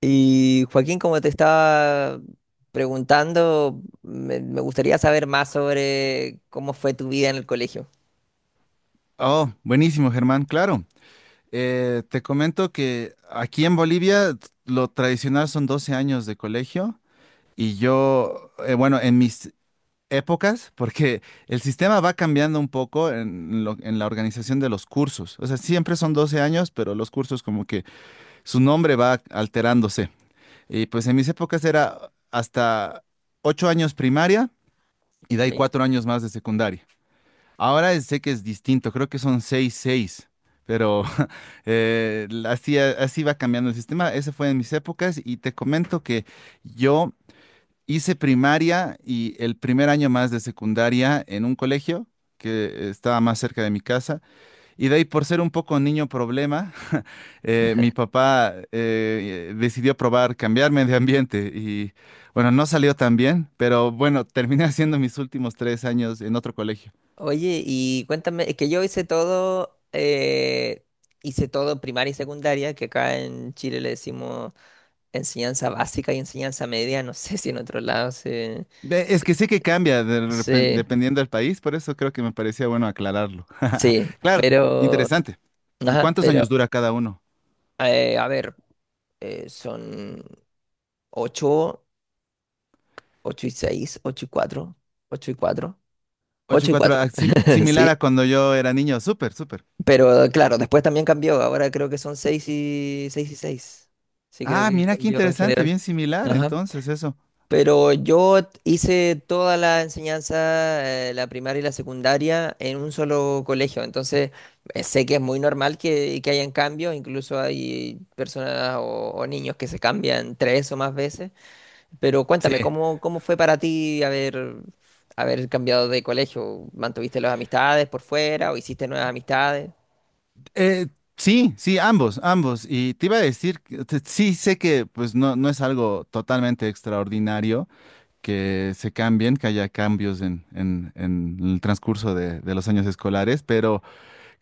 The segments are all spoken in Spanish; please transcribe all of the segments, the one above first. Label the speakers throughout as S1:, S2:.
S1: Y Joaquín, como te estaba preguntando, me gustaría saber más sobre cómo fue tu vida en el colegio.
S2: Oh, buenísimo, Germán, claro. Te comento que aquí en Bolivia lo tradicional son 12 años de colegio y yo, bueno, en mis épocas, porque el sistema va cambiando un poco en, en la organización de los cursos. O sea, siempre son 12 años, pero los cursos como que su nombre va alterándose. Y pues en mis épocas era hasta 8 años primaria y de ahí
S1: ¿Ok?
S2: 4 años más de secundaria. Ahora sé que es distinto, creo que son 6 6, pero así, así va cambiando el sistema. Ese fue en mis épocas y te comento que yo hice primaria y el primer año más de secundaria en un colegio que estaba más cerca de mi casa. Y de ahí, por ser un poco niño problema, mi papá decidió probar cambiarme de ambiente y bueno, no salió tan bien, pero bueno, terminé haciendo mis últimos 3 años en otro colegio.
S1: Oye, y cuéntame, es que yo hice todo primaria y secundaria, que acá en Chile le decimos enseñanza básica y enseñanza media, no sé si en otros lados se,
S2: Es
S1: se-
S2: que sí que cambia de
S1: se-
S2: dependiendo del país, por eso creo que me parecía bueno aclararlo.
S1: sí,
S2: Claro,
S1: pero,
S2: interesante. ¿Y
S1: ajá,
S2: cuántos
S1: pero,
S2: años dura cada uno?
S1: a ver, son ocho. Ocho y seis, 8 y cuatro, 8 y cuatro,
S2: Ocho y
S1: 8 y
S2: cuatro,
S1: cuatro.
S2: ah, similar
S1: Sí,
S2: a cuando yo era niño, súper, súper.
S1: pero claro, después también cambió. Ahora creo que son 6 y 6 y seis. Sí, creo
S2: Ah,
S1: que
S2: mira qué
S1: cambió en
S2: interesante,
S1: general.
S2: bien similar
S1: Ajá.
S2: entonces eso.
S1: Pero yo hice toda la enseñanza, la primaria y la secundaria, en un solo colegio. Entonces, sé que es muy normal que hayan cambios. Incluso hay personas o niños que se cambian tres o más veces. Pero cuéntame,
S2: Sí.
S1: ¿cómo, cómo fue para ti haber, haber cambiado de colegio? ¿Mantuviste las amistades por fuera o hiciste nuevas amistades?
S2: Eh, sí, sí, ambos, ambos. Y te iba a decir, que sí sé que pues no, no es algo totalmente extraordinario que se cambien, que haya cambios en, en el transcurso de los años escolares, pero…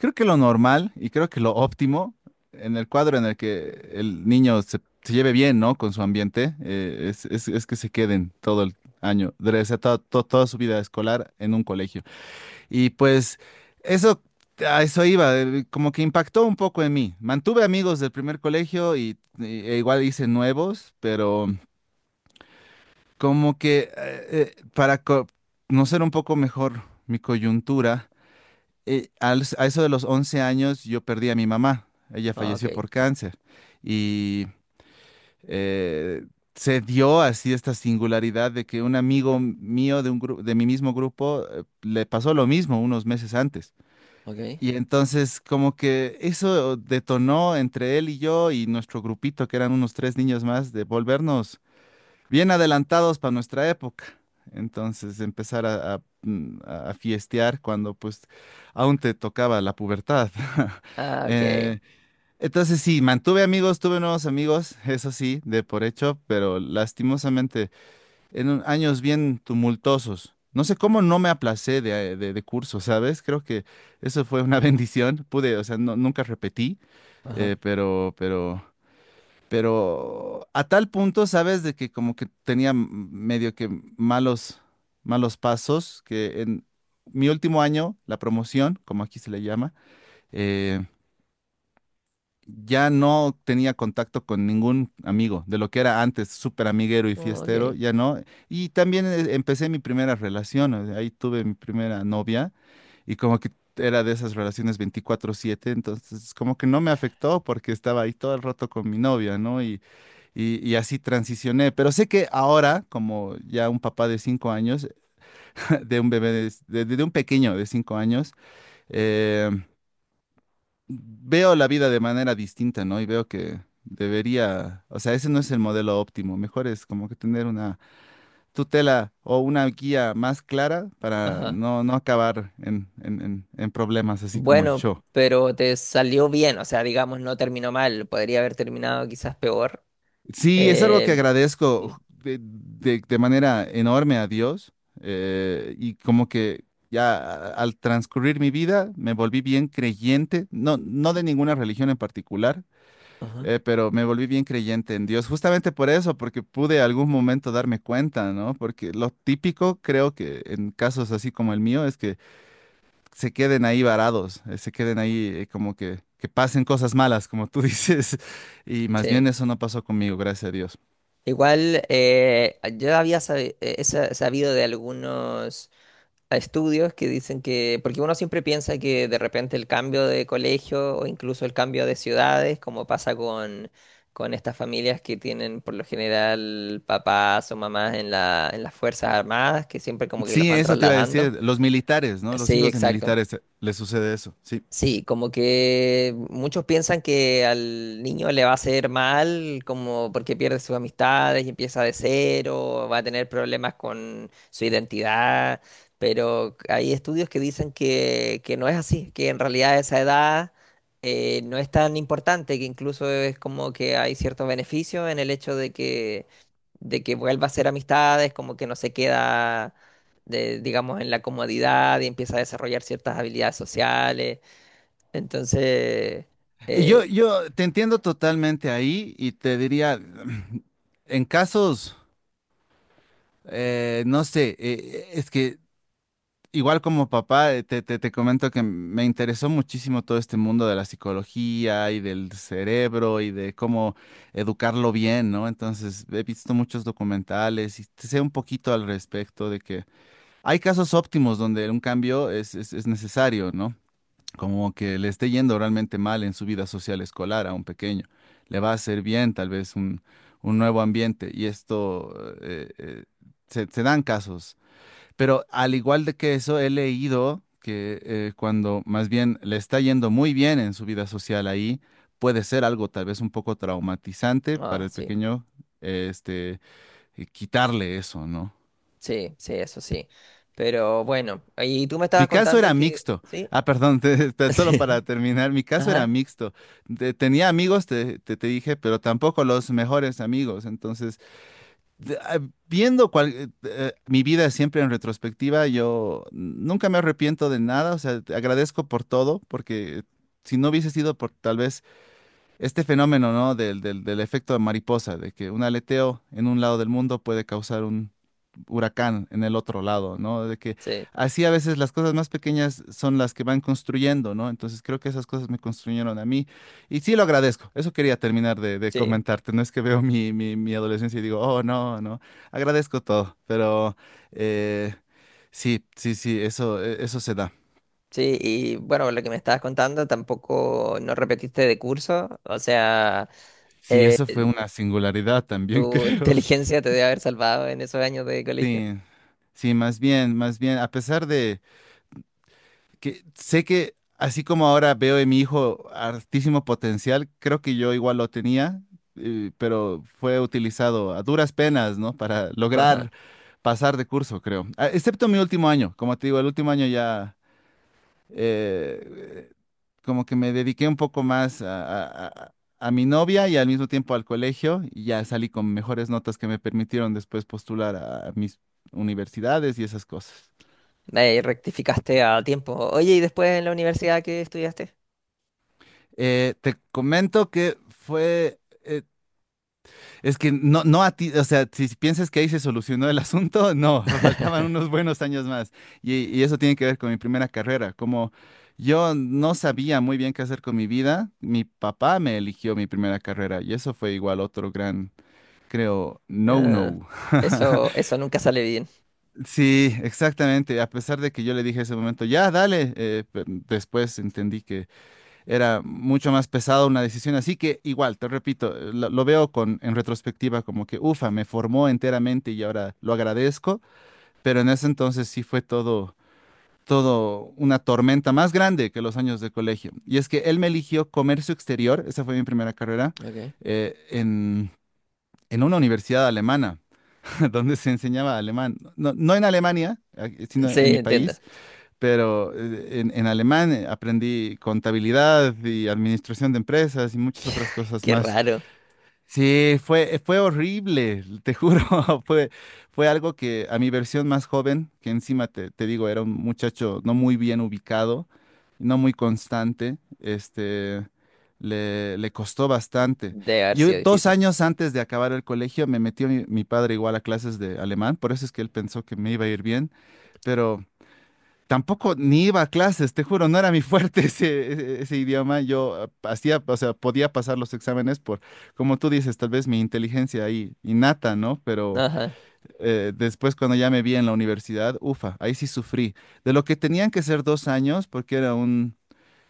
S2: Creo que lo normal y creo que lo óptimo en el cuadro en el que el niño se, se lleve bien, ¿no? Con su ambiente, es, es que se queden todo el año, o sea, toda su vida escolar en un colegio. Y pues eso, a eso iba, como que impactó un poco en mí. Mantuve amigos del primer colegio y, e igual hice nuevos, pero como que para conocer un poco mejor mi coyuntura a eso de los 11 años yo perdí a mi mamá. Ella
S1: Ah,
S2: falleció
S1: ok,
S2: por cáncer. Y eh, se dio así esta singularidad de que un amigo mío de, un de mi mismo grupo le pasó lo mismo unos meses antes.
S1: ok.
S2: Y entonces como que eso detonó entre él y yo y nuestro grupito, que eran unos tres niños más, de volvernos bien adelantados para nuestra época. Entonces, empezar a fiestear cuando pues aún te tocaba la pubertad.
S1: Ah, ok.
S2: Eh, entonces, sí, mantuve amigos, tuve nuevos amigos, eso sí, de por hecho, pero lastimosamente en años bien tumultuosos. No sé cómo no me aplacé de, de curso, ¿sabes? Creo que eso fue una bendición. Pude, o sea, nunca repetí,
S1: Ajá.
S2: eh, pero, pero pero a tal punto, sabes, de que como que tenía medio que malos, malos pasos, que en mi último año, la promoción, como aquí se le llama, eh, ya no tenía contacto con ningún amigo, de lo que era antes súper amiguero y
S1: Ok.
S2: fiestero, ya no. Y también empecé mi primera relación, o sea, ahí tuve mi primera novia y como que era de esas relaciones 24/7, entonces como que no me afectó porque estaba ahí todo el rato con mi novia, ¿no? Y así transicioné, pero sé que ahora, como ya un papá de 5 años, de un bebé, de un pequeño de 5 años, eh, veo la vida de manera distinta, ¿no? Y veo que debería, o sea, ese no es el modelo óptimo, mejor es como que tener una tutela o una guía más clara para
S1: Ajá.
S2: no, no acabar en, en problemas así como
S1: Bueno,
S2: yo.
S1: pero te salió bien, o sea, digamos, no terminó mal. Podría haber terminado quizás peor.
S2: Sí, es algo que
S1: Eh,
S2: agradezco
S1: Sí.
S2: de, de manera enorme a Dios y como que ya al transcurrir mi vida me volví bien creyente, no, no de ninguna religión en particular,
S1: Ajá.
S2: pero me volví bien creyente en Dios, justamente por eso, porque pude algún momento darme cuenta, ¿no? Porque lo típico creo que en casos así como el mío es que se queden ahí varados, se queden ahí como que pasen cosas malas, como tú dices, y más
S1: Sí.
S2: bien eso no pasó conmigo, gracias a Dios.
S1: Igual, yo había sabido de algunos. A estudios que dicen que, porque uno siempre piensa que de repente el cambio de colegio o incluso el cambio de ciudades, como pasa con estas familias que tienen por lo general papás o mamás en la, en las Fuerzas Armadas, que siempre como que los
S2: Sí,
S1: van
S2: eso te iba a
S1: trasladando.
S2: decir, los militares, ¿no? Los
S1: Sí,
S2: hijos de
S1: exacto.
S2: militares les sucede eso, sí.
S1: Sí, como que muchos piensan que al niño le va a hacer mal, como porque pierde sus amistades y empieza de cero, va a tener problemas con su identidad, pero hay estudios que dicen que no es así, que en realidad esa edad no es tan importante, que incluso es como que hay ciertos beneficios en el hecho de que vuelva a hacer amistades, como que no se queda, digamos, en la comodidad y empieza a desarrollar ciertas habilidades sociales. Entonces, eh,
S2: Yo te entiendo totalmente ahí y te diría, en casos, no sé, es que igual como papá, te comento que me interesó muchísimo todo este mundo de la psicología y del cerebro y de cómo educarlo bien, ¿no? Entonces, he visto muchos documentales y sé un poquito al respecto de que hay casos óptimos donde un cambio es, es necesario, ¿no? Como que le esté yendo realmente mal en su vida social escolar a un pequeño. Le va a hacer bien tal vez un nuevo ambiente y esto eh, eh, se, se dan casos. Pero al igual de que eso, he leído que cuando más bien le está yendo muy bien en su vida social ahí, puede ser algo tal vez un poco traumatizante para
S1: ah,
S2: el
S1: sí,
S2: pequeño, eh, este, quitarle eso, ¿no?
S1: sí, sí, eso sí. Pero bueno, y tú me
S2: Mi
S1: estabas
S2: caso
S1: contando
S2: era
S1: que,
S2: mixto.
S1: sí,
S2: Ah, perdón, solo
S1: sí,
S2: para terminar, mi caso era
S1: ajá,
S2: mixto. Tenía amigos, te dije, pero tampoco los mejores amigos. Entonces, de- ah, viendo mi vida siempre en retrospectiva, yo nunca me arrepiento de nada. O sea, te agradezco por todo, porque si no hubiese sido por tal vez este fenómeno, ¿no? Del efecto de mariposa, de que un aleteo en un lado del mundo puede causar un huracán en el otro lado, ¿no? De que
S1: sí,
S2: así a veces las cosas más pequeñas son las que van construyendo, ¿no? Entonces creo que esas cosas me construyeron a mí y sí lo agradezco. Eso quería terminar de
S1: sí,
S2: comentarte. No es que veo mi adolescencia y digo, oh, no, no. Agradezco todo, pero eh, sí, sí, sí, eso, eso se da.
S1: sí, y bueno, lo que me estabas contando tampoco no repetiste de curso, o sea,
S2: Sí,
S1: eh,
S2: eso fue una singularidad también,
S1: tu
S2: creo.
S1: inteligencia te debe haber salvado en esos años de colegio.
S2: Sí, sí, más bien, a pesar de que sé que así como ahora veo en mi hijo altísimo potencial, creo que yo igual lo tenía, pero fue utilizado a duras penas, ¿no? Para
S1: Ajá,
S2: lograr pasar de curso, creo. Ah, excepto mi último año, como te digo, el último año ya eh, como que me dediqué un poco más a mi novia y al mismo tiempo al colegio y ya salí con mejores notas que me permitieron después postular a mis universidades y esas cosas.
S1: ahí rectificaste a tiempo. Oye, ¿y después en la universidad qué estudiaste?
S2: Te comento que fue, es que no, no a ti, o sea, si piensas que ahí se solucionó el asunto, no, faltaban unos buenos años más. Y eso tiene que ver con mi primera carrera. Como yo no sabía muy bien qué hacer con mi vida, mi papá me eligió mi primera carrera y eso fue igual otro gran, creo,
S1: Ah,
S2: no-no.
S1: eso nunca sale bien.
S2: Sí, exactamente. A pesar de que yo le dije en ese momento, ya, dale, después entendí que era mucho más pesado una decisión así que igual, te repito, lo veo con en retrospectiva como que ufa, me formó enteramente y ahora lo agradezco, pero en ese entonces sí fue todo una tormenta más grande que los años de colegio. Y es que él me eligió comercio exterior, esa fue mi primera carrera,
S1: Okay.
S2: eh, en, en una universidad alemana, donde se enseñaba alemán. No, no en Alemania, sino
S1: Sí,
S2: en mi
S1: entiendo.
S2: país, pero en alemán aprendí contabilidad y administración de empresas y muchas otras cosas
S1: Qué
S2: más.
S1: raro.
S2: Sí, fue, fue horrible, te juro, fue, fue algo que a mi versión más joven, que encima te digo, era un muchacho no muy bien ubicado, no muy constante, le, le costó bastante.
S1: Debe haber
S2: Yo
S1: sido
S2: dos
S1: difícil.
S2: años antes de acabar el colegio me metió mi padre igual a clases de alemán, por eso es que él pensó que me iba a ir bien, pero tampoco ni iba a clases, te juro, no era mi fuerte ese, ese idioma. Yo hacía, o sea, podía pasar los exámenes por, como tú dices, tal vez mi inteligencia ahí innata, ¿no? Pero
S1: Ajá,
S2: después cuando ya me vi en la universidad, ufa, ahí sí sufrí. De lo que tenían que ser 2 años, porque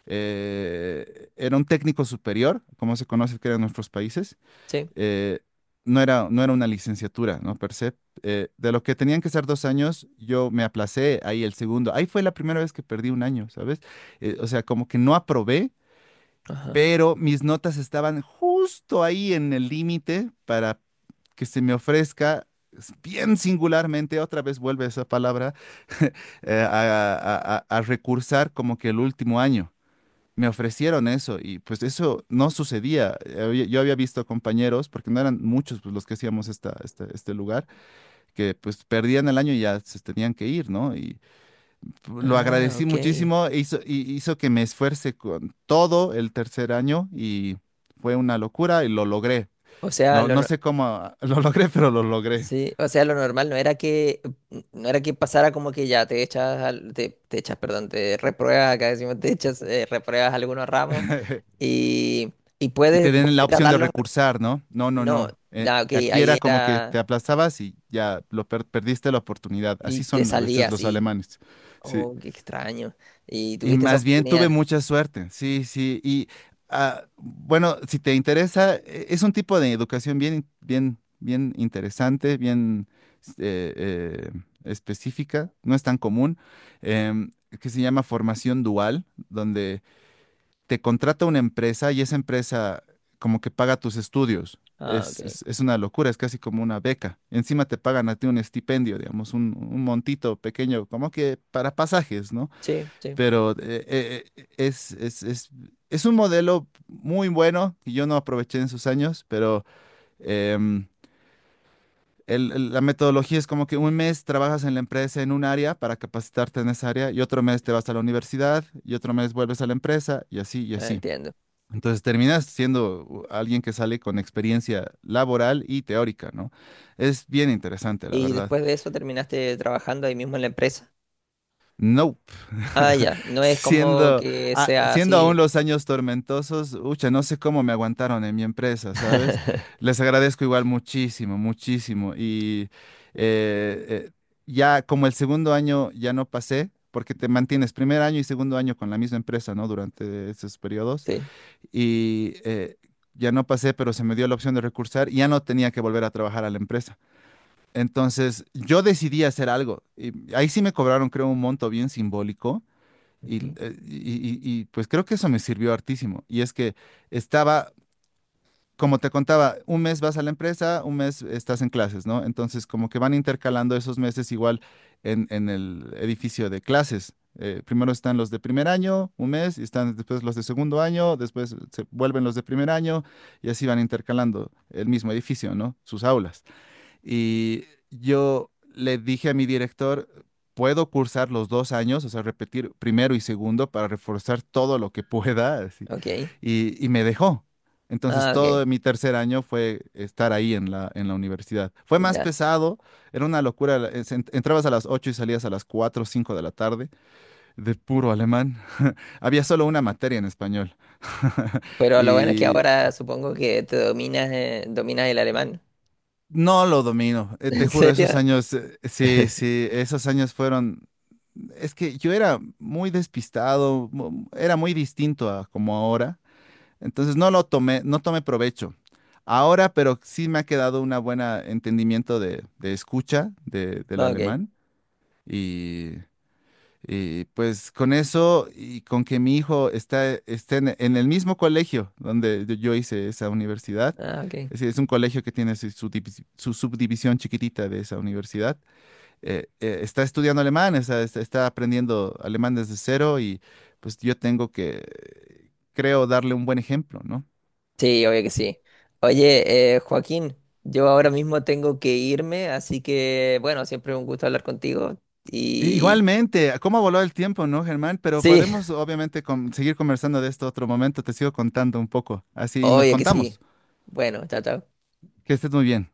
S2: era un técnico superior, como se conoce que eran nuestros países,
S1: sí,
S2: eh, no era, no era una licenciatura, ¿no? Per se. De lo que tenían que ser dos años, yo me aplacé ahí el segundo. Ahí fue la primera vez que perdí un año, ¿sabes? O sea, como que no aprobé,
S1: ajá.
S2: pero mis notas estaban justo ahí en el límite para que se me ofrezca. Bien singularmente, otra vez vuelve esa palabra, a recursar como que el último año. Me ofrecieron eso y pues eso no sucedía. Yo había visto compañeros, porque no eran muchos pues, los que hacíamos este lugar, que pues perdían el año y ya se tenían que ir, ¿no? Y lo
S1: Ah,
S2: agradecí
S1: ok.
S2: muchísimo, y hizo que me esfuerce con todo el tercer año y fue una locura y lo logré.
S1: O sea, lo,
S2: No
S1: no,
S2: sé cómo lo logré, pero lo logré.
S1: sí, o sea, lo normal no era que, no era que pasara como que ya te echas, te, te echas, perdón, te repruebas, acá decimos te echas, repruebas algunos ramos y, y
S2: Y
S1: puedes
S2: te
S1: volver
S2: den la
S1: a
S2: opción de
S1: darlos.
S2: recursar, ¿no? No, no,
S1: No,
S2: no.
S1: ah, ok,
S2: Aquí
S1: ahí
S2: era como que te
S1: era
S2: aplastabas y ya lo perdiste la oportunidad.
S1: y
S2: Así
S1: te
S2: son a veces
S1: salías
S2: los
S1: y,
S2: alemanes. Sí.
S1: oh, qué extraño. Y
S2: Y
S1: tuviste esa
S2: más bien tuve
S1: oportunidad.
S2: mucha suerte. Sí, sí. Y bueno, si te interesa, es un tipo de educación bien, bien, bien interesante, bien eh, eh, específica. No es tan común. em, que se llama formación dual, donde te contrata una empresa y esa empresa como que paga tus estudios.
S1: Ah, ok.
S2: Es, es una locura, es casi como una beca. Encima te pagan a ti un estipendio, digamos, un montito pequeño, como que para pasajes, ¿no?
S1: Sí, sí,
S2: Pero es un modelo muy bueno que yo no aproveché en sus años, pero em, la metodología es como que un mes trabajas en la empresa en un área para capacitarte en esa área y otro mes te vas a la universidad y otro mes vuelves a la empresa y así y así.
S1: entiendo.
S2: Entonces terminas siendo alguien que sale con experiencia laboral y teórica, ¿no? Es bien interesante, la
S1: Y
S2: verdad.
S1: después de eso terminaste trabajando ahí mismo en la empresa.
S2: Nope.
S1: Ah, ya, no es como
S2: Siendo,
S1: que sea
S2: Siendo aún
S1: así.
S2: los años tormentosos, ucha, no sé cómo me aguantaron en mi empresa, ¿sabes? Les agradezco igual muchísimo, muchísimo. Y eh, eh, ya como el segundo año ya no pasé, porque te mantienes primer año y segundo año con la misma empresa, ¿no? Durante esos periodos.
S1: Sí.
S2: Y ya no pasé, pero se me dio la opción de recursar y ya no tenía que volver a trabajar a la empresa. Entonces yo decidí hacer algo y ahí sí me cobraron, creo, un monto bien simbólico y,
S1: Ujú.
S2: pues creo que eso me sirvió hartísimo. Y es que estaba como te contaba, un mes vas a la empresa, un mes estás en clases, ¿no? Entonces, como que van intercalando esos meses igual en el edificio de clases. Primero están los de primer año, un mes, y están después los de segundo año, después se vuelven los de primer año, y así van intercalando el mismo edificio, ¿no? Sus aulas. Y yo le dije a mi director, puedo cursar los dos años, o sea, repetir primero y segundo para reforzar todo lo que pueda, así.
S1: Ok.
S2: Y me dejó. Entonces,
S1: Ah, ok.
S2: todo mi tercer año fue estar ahí en en la universidad. Fue más
S1: Ya.
S2: pesado, era una locura. Entrabas a las 8 y salías a las 4 o 5 de la tarde, de puro alemán. Había solo una materia en español.
S1: Pero lo bueno es que
S2: Y
S1: ahora supongo que te dominas, dominas el alemán.
S2: no lo domino, te
S1: ¿En
S2: juro,
S1: serio?
S2: esos años, sí, sí, esos años fueron, es que yo era muy despistado, era muy distinto a como ahora, entonces no lo tomé, no tomé provecho. Ahora, pero sí me ha quedado un buen entendimiento de escucha del
S1: Ah, ok.
S2: alemán y pues con eso y con que mi hijo esté en el mismo colegio donde yo hice esa universidad,
S1: Ah, ok.
S2: es decir, es un colegio que tiene su, su subdivisión chiquitita de esa universidad, está estudiando alemán, o sea, está aprendiendo alemán desde cero y pues yo tengo que, creo, darle un buen ejemplo, ¿no?
S1: Sí, obvio que sí. Oye, Joaquín, yo ahora mismo tengo que irme, así que bueno, siempre un gusto hablar contigo. Y
S2: Igualmente, ¿cómo voló el tiempo, no, Germán? Pero
S1: sí,
S2: podemos obviamente seguir conversando de esto otro momento, te sigo contando un poco, así nos
S1: obvio que sí.
S2: contamos.
S1: Bueno, chao, chao.
S2: Que estés muy bien.